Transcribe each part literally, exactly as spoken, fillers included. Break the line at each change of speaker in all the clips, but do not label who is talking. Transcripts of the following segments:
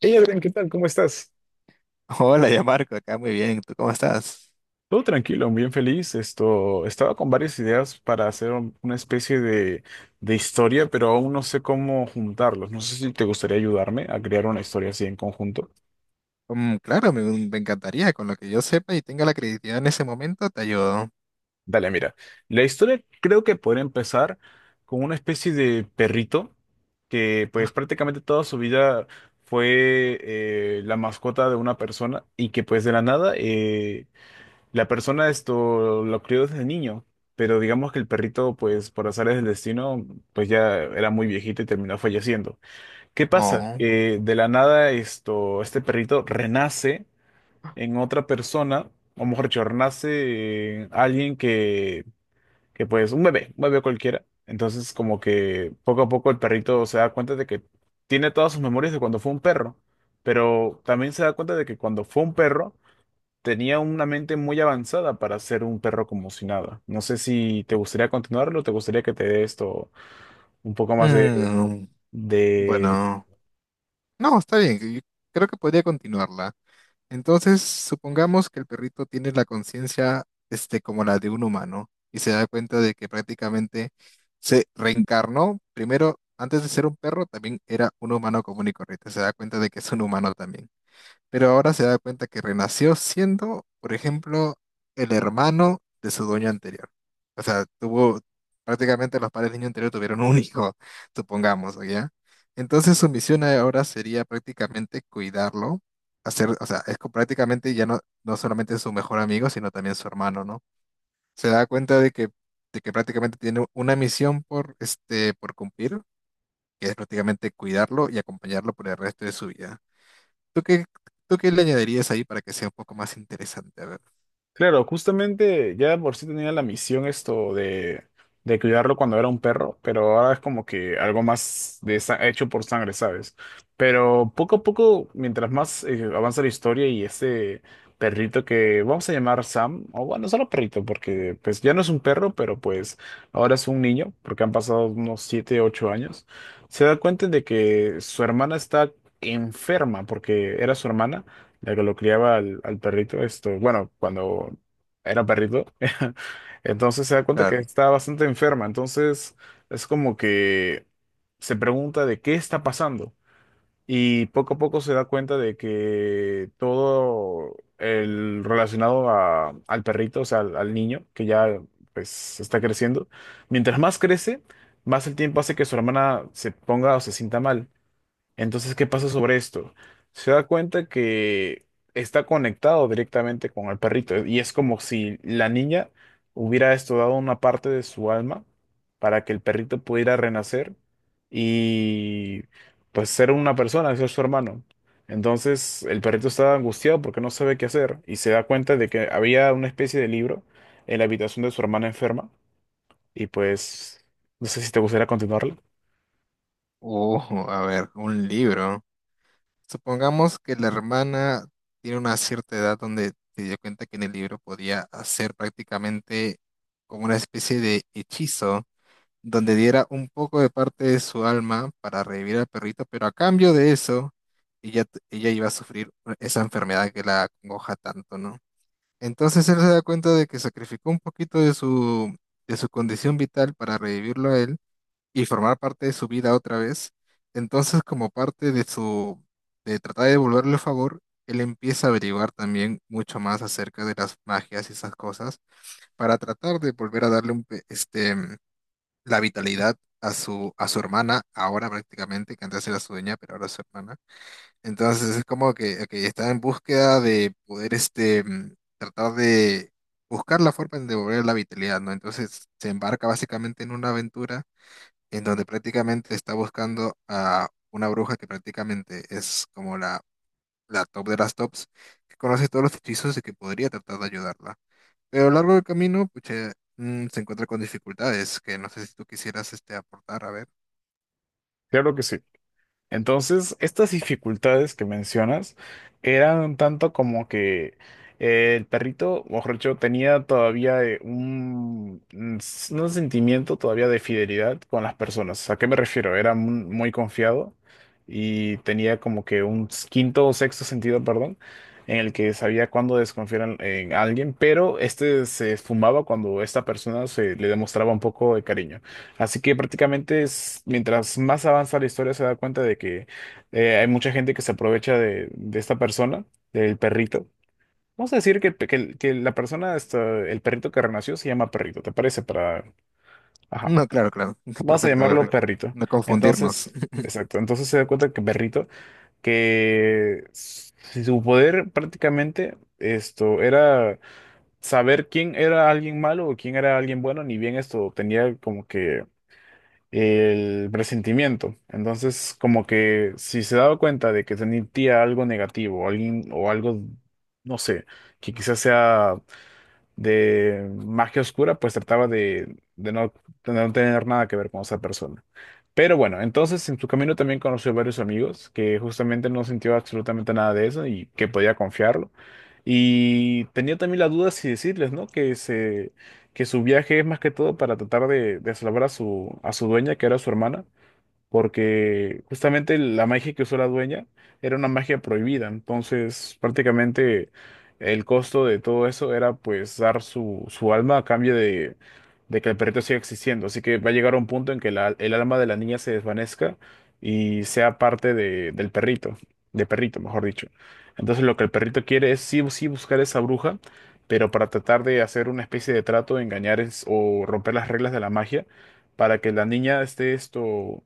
Hey Adrián, ¿qué tal? ¿Cómo estás?
Hola, ya Marco, acá muy bien. ¿Tú cómo estás?
Todo tranquilo, bien feliz. Esto, estaba con varias ideas para hacer un- una especie de, de historia, pero aún no sé cómo juntarlos. No sé si te gustaría ayudarme a crear una historia así en conjunto.
Mm, claro, me, me encantaría. Con lo que yo sepa y tenga la credibilidad en ese momento, te ayudo.
Dale, mira. La historia creo que podría empezar con una especie de perrito que pues
Ah.
prácticamente toda su vida fue eh, la mascota de una persona y que pues de la nada. eh, La persona, esto lo crió desde niño, pero digamos que el perrito, pues por azares del destino, pues ya era muy viejito y terminó falleciendo. ¿Qué pasa?
Oh.
Que de la nada, esto, este perrito renace en otra persona, o mejor dicho, renace en alguien que, que pues un bebé, un bebé cualquiera. Entonces como que poco a poco el perrito se da cuenta de que tiene todas sus memorias de cuando fue un perro, pero también se da cuenta de que cuando fue un perro tenía una mente muy avanzada para ser un perro como si nada. No sé si te gustaría continuarlo, te gustaría que te dé esto un poco más de,
Mm,
de
bueno, no, Está bien. Yo creo que podría continuarla. Entonces, supongamos que el perrito tiene la conciencia, este, como la de un humano, y se da cuenta de que prácticamente se reencarnó. Primero, antes de ser un perro, también era un humano común y corriente. Se da cuenta de que es un humano también, pero ahora se da cuenta que renació siendo, por ejemplo, el hermano de su dueño anterior. O sea, tuvo, prácticamente, los padres del niño anterior tuvieron un hijo, supongamos, ¿o ¿ya? Entonces su misión ahora sería prácticamente cuidarlo, hacer, o sea, es co- prácticamente ya no, no solamente su mejor amigo, sino también su hermano, ¿no? Se da cuenta de que, de que prácticamente tiene una misión por, este, por cumplir, que es prácticamente cuidarlo y acompañarlo por el resto de su vida. ¿Tú qué, ¿tú qué le añadirías ahí para que sea un poco más interesante? A ver,
Claro, justamente ya de por sí tenía la misión esto de, de cuidarlo cuando era un perro, pero ahora es como que algo más de sa- hecho por sangre, ¿sabes? Pero poco a poco, mientras más eh, avanza la historia y ese perrito que vamos a llamar Sam, o bueno, solo perrito, porque pues ya no es un perro, pero pues ahora es un niño, porque han pasado unos siete, ocho años. Se da cuenta de que su hermana está enferma, porque era su hermana la que lo criaba al, al perrito, esto, bueno, cuando era perrito, entonces se da cuenta que
claro.
está bastante enferma. Entonces es como que se pregunta de qué está pasando y poco a poco se da cuenta de que todo el relacionado a- al perrito, o sea, al, al niño, que ya pues está creciendo, mientras más crece, más el tiempo hace que su hermana se ponga o se sienta mal. Entonces, ¿qué pasa sobre esto? Se da cuenta que está conectado directamente con el perrito y es como si la niña hubiera estudiado una parte de su alma para que el perrito pudiera renacer y pues ser una persona, ser su hermano. Entonces, el perrito está angustiado porque no sabe qué hacer y se da cuenta de que había una especie de libro en la habitación de su hermana enferma y pues no sé si te gustaría continuarlo.
Uh, a ver, un libro. Supongamos que la hermana tiene una cierta edad donde se dio cuenta que en el libro podía hacer prácticamente como una especie de hechizo donde diera un poco de parte de su alma para revivir al perrito, pero a cambio de eso, ella, ella iba a sufrir esa enfermedad que la acongoja tanto, ¿no? Entonces él se da cuenta de que sacrificó un poquito de su, de su condición vital para revivirlo a él y formar parte de su vida otra vez. Entonces, como parte de su, de tratar de devolverle el favor, él empieza a averiguar también mucho más acerca de las magias y esas cosas para tratar de volver a darle un, pe- este, la vitalidad a su, a su hermana, ahora prácticamente, que antes era su dueña, pero ahora es su hermana. Entonces es como que ok, está en búsqueda de poder este, mm, tratar de buscar la forma de devolver la vitalidad, ¿no? Entonces se embarca básicamente en una aventura en donde prácticamente está buscando a una bruja que prácticamente es como la, la top de las tops, que conoce todos los hechizos y que podría tratar de ayudarla. Pero a lo largo del camino, pucha, mm, se encuentra con dificultades que no sé si tú quisieras este, aportar, a ver.
Claro que sí. Entonces, estas dificultades que mencionas eran un tanto como que eh, el perrito, o mejor dicho, tenía todavía eh, un, un s- no un sentimiento todavía de fidelidad con las personas. ¿A qué me refiero? Era mu- muy confiado y tenía como que un s- quinto o sexto sentido, perdón, en el que sabía cuándo desconfiar en, en alguien, pero este se esfumaba cuando esta persona se le demostraba un poco de cariño. Así que prácticamente es, mientras más avanza la historia, se da cuenta de que eh, hay mucha gente que se aprovecha de, de esta persona, del perrito. Vamos a decir que, que el- que la persona, esta- el perrito que renació se llama perrito, ¿te parece? Para, ajá,
No, claro, claro.
vamos a
Perfecto,
llamarlo
perfecto.
Perfecto. Perrito.
No confundirnos.
Entonces, exacto, entonces se da cuenta que perrito, que s- si su poder prácticamente esto era saber quién era alguien malo o quién era alguien bueno, ni bien esto tenía como que el presentimiento. Entonces, como que si se daba cuenta de que sentía algo negativo, alguien o algo, no sé, que quizás sea de magia oscura, pues trataba de, de no, de no tener nada que ver con esa persona. Pero bueno, entonces en su camino también conoció varios amigos que justamente no sintió absolutamente nada de eso y que podía confiarlo. Y tenía también la duda si decirles, ¿no? Que se, que su viaje es más que todo para tratar de, de salvar a su, a su dueña, que era su hermana, porque justamente la magia que usó la dueña era una magia prohibida, entonces prácticamente el costo de todo eso era pues dar su, su alma a cambio de, de que el perrito siga existiendo, así que va a llegar un punto en que la- el alma de la niña se desvanezca y sea parte de- del perrito, de perrito, mejor dicho. Entonces lo que el perrito quiere es sí, o sí buscar esa bruja, pero para tratar de hacer una especie de trato, engañar es- o romper las reglas de la magia, para que la niña esté, esto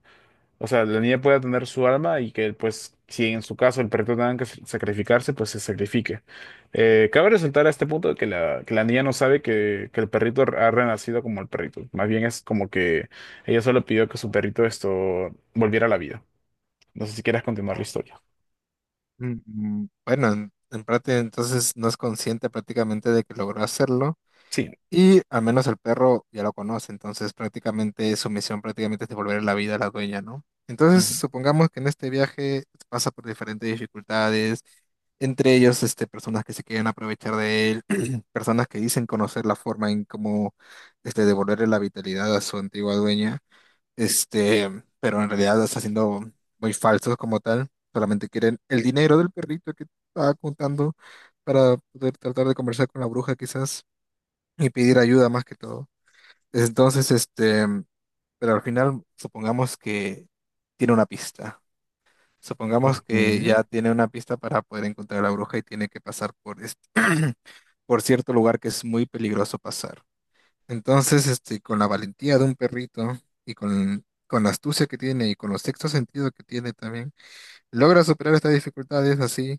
o sea, la niña pueda tener su alma y que, pues, si en su caso el perrito tenga que sacrificarse, pues se sacrifique. Eh, cabe resaltar a este punto que la, que la niña no sabe que, que el perrito ha renacido como el perrito. Más bien es como que ella solo pidió que su perrito esto volviera a la vida. No sé si quieras continuar la historia.
Mm, mm, Bueno, en, en parte entonces no es consciente prácticamente de que logró hacerlo,
Sí.
y al menos el perro ya lo conoce, entonces prácticamente su misión prácticamente es devolver la vida a la dueña, ¿no? Entonces
Ujú.
supongamos que en este viaje pasa por diferentes dificultades, entre ellos este, personas que se quieren aprovechar de él, personas que dicen conocer la forma en cómo este, devolverle la vitalidad a su antigua dueña. Este, pero en realidad está siendo muy falso como tal. Solamente quieren el dinero del perrito que estaba contando para poder tratar de conversar con la bruja quizás y pedir ayuda más que todo. Entonces, este, pero al final supongamos que tiene una pista. Supongamos que
Ujú.
ya tiene una pista para poder encontrar a la bruja y tiene que pasar por este, por cierto lugar que es muy peligroso pasar. Entonces, este, con la valentía de un perrito y con, con la astucia que tiene y con los sexto sentido que tiene también, logra superar estas dificultades así,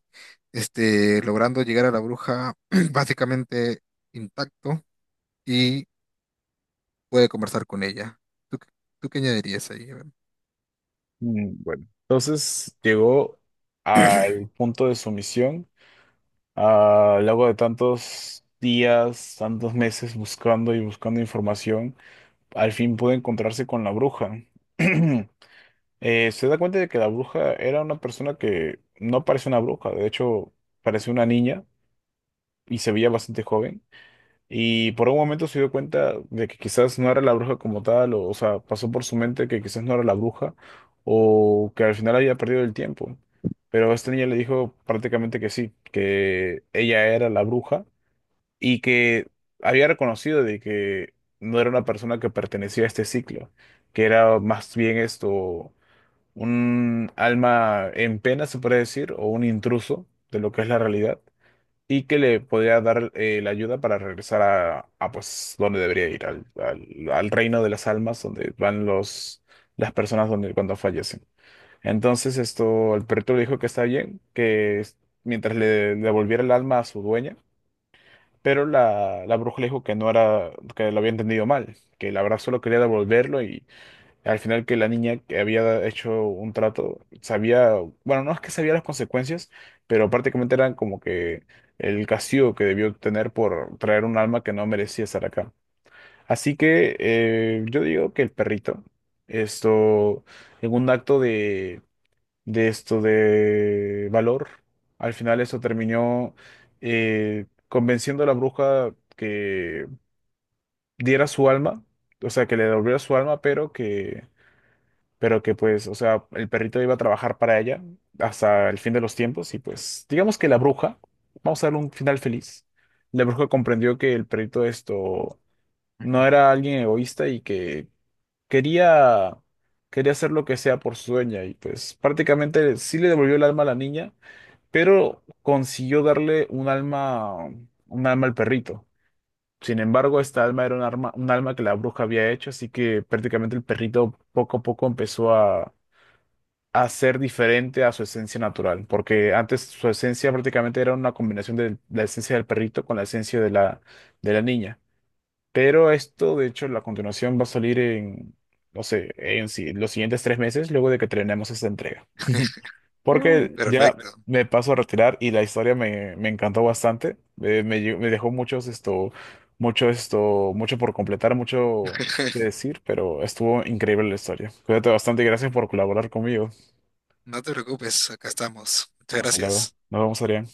este, logrando llegar a la bruja básicamente intacto, y puede conversar con ella. ¿Tú, qué- ¿tú qué añadirías ahí, Iván?
Mm, Bueno, entonces llegó al punto de su misión, ah, luego de tantos días, tantos meses buscando y buscando información. Al fin pudo encontrarse con la bruja. Eh, se da cuenta de que la bruja era una persona que no parece una bruja, de hecho parece una niña y se veía bastante joven. Y por un momento se dio cuenta de que quizás no era la bruja como tal, o, o sea, pasó por su mente que quizás no era la bruja o que al final había perdido el tiempo. Pero esta niña le dijo prácticamente que sí, que ella era la bruja y que había reconocido de que no era una persona que pertenecía a este ciclo, que era más bien, esto, un alma en pena, se puede decir, o un intruso de lo que es la realidad, y que le podía dar eh, la ayuda para regresar a, a, pues donde debería ir, al, al, al reino de las almas, donde van los, las personas donde, cuando fallecen. Entonces, esto, el perrito le dijo que está bien, que es- mientras le devolviera el alma a su dueña, pero la, la bruja le dijo que no era, que lo había entendido mal, que la verdad solo quería devolverlo y al final que la niña que había hecho un trato sabía, bueno, no es que sabía las consecuencias, pero prácticamente eran como que el castigo que debió tener por traer un alma que no merecía estar acá. Así que eh, yo digo que el perrito, esto, en un acto de de esto de valor. Al final eso terminó eh, convenciendo a la bruja que diera su alma, o sea, que le devolviera su alma, pero que, pero que pues, o sea, el perrito iba a trabajar para ella hasta el fin de los tiempos y pues, digamos que la bruja, vamos a darle un final feliz. La bruja comprendió que el perrito esto no era alguien egoísta y que quería quería hacer lo que sea por su dueña y pues prácticamente sí le devolvió el alma a la niña, pero consiguió darle un alma, un alma al perrito. Sin embargo, esta alma era un arma- un alma que la bruja había hecho, así que prácticamente el perrito poco a poco empezó a, a ser diferente a su esencia natural, porque antes su esencia prácticamente era una combinación de la esencia del perrito con la esencia de la, de la niña. Pero esto, de hecho, la continuación va a salir en, no sé, en si- los siguientes tres meses, luego de que terminemos esta entrega. Porque ya
Perfecto.
me paso a retirar y la historia me, me encantó bastante. Eh, me, lle- me dejó muchos esto, mucho esto, mucho por completar, mucho que decir, pero estuvo increíble la historia. Cuídate bastante y gracias por colaborar conmigo.
No te preocupes, acá estamos. Muchas
Hasta luego.
gracias.
Nos vemos, Adrián.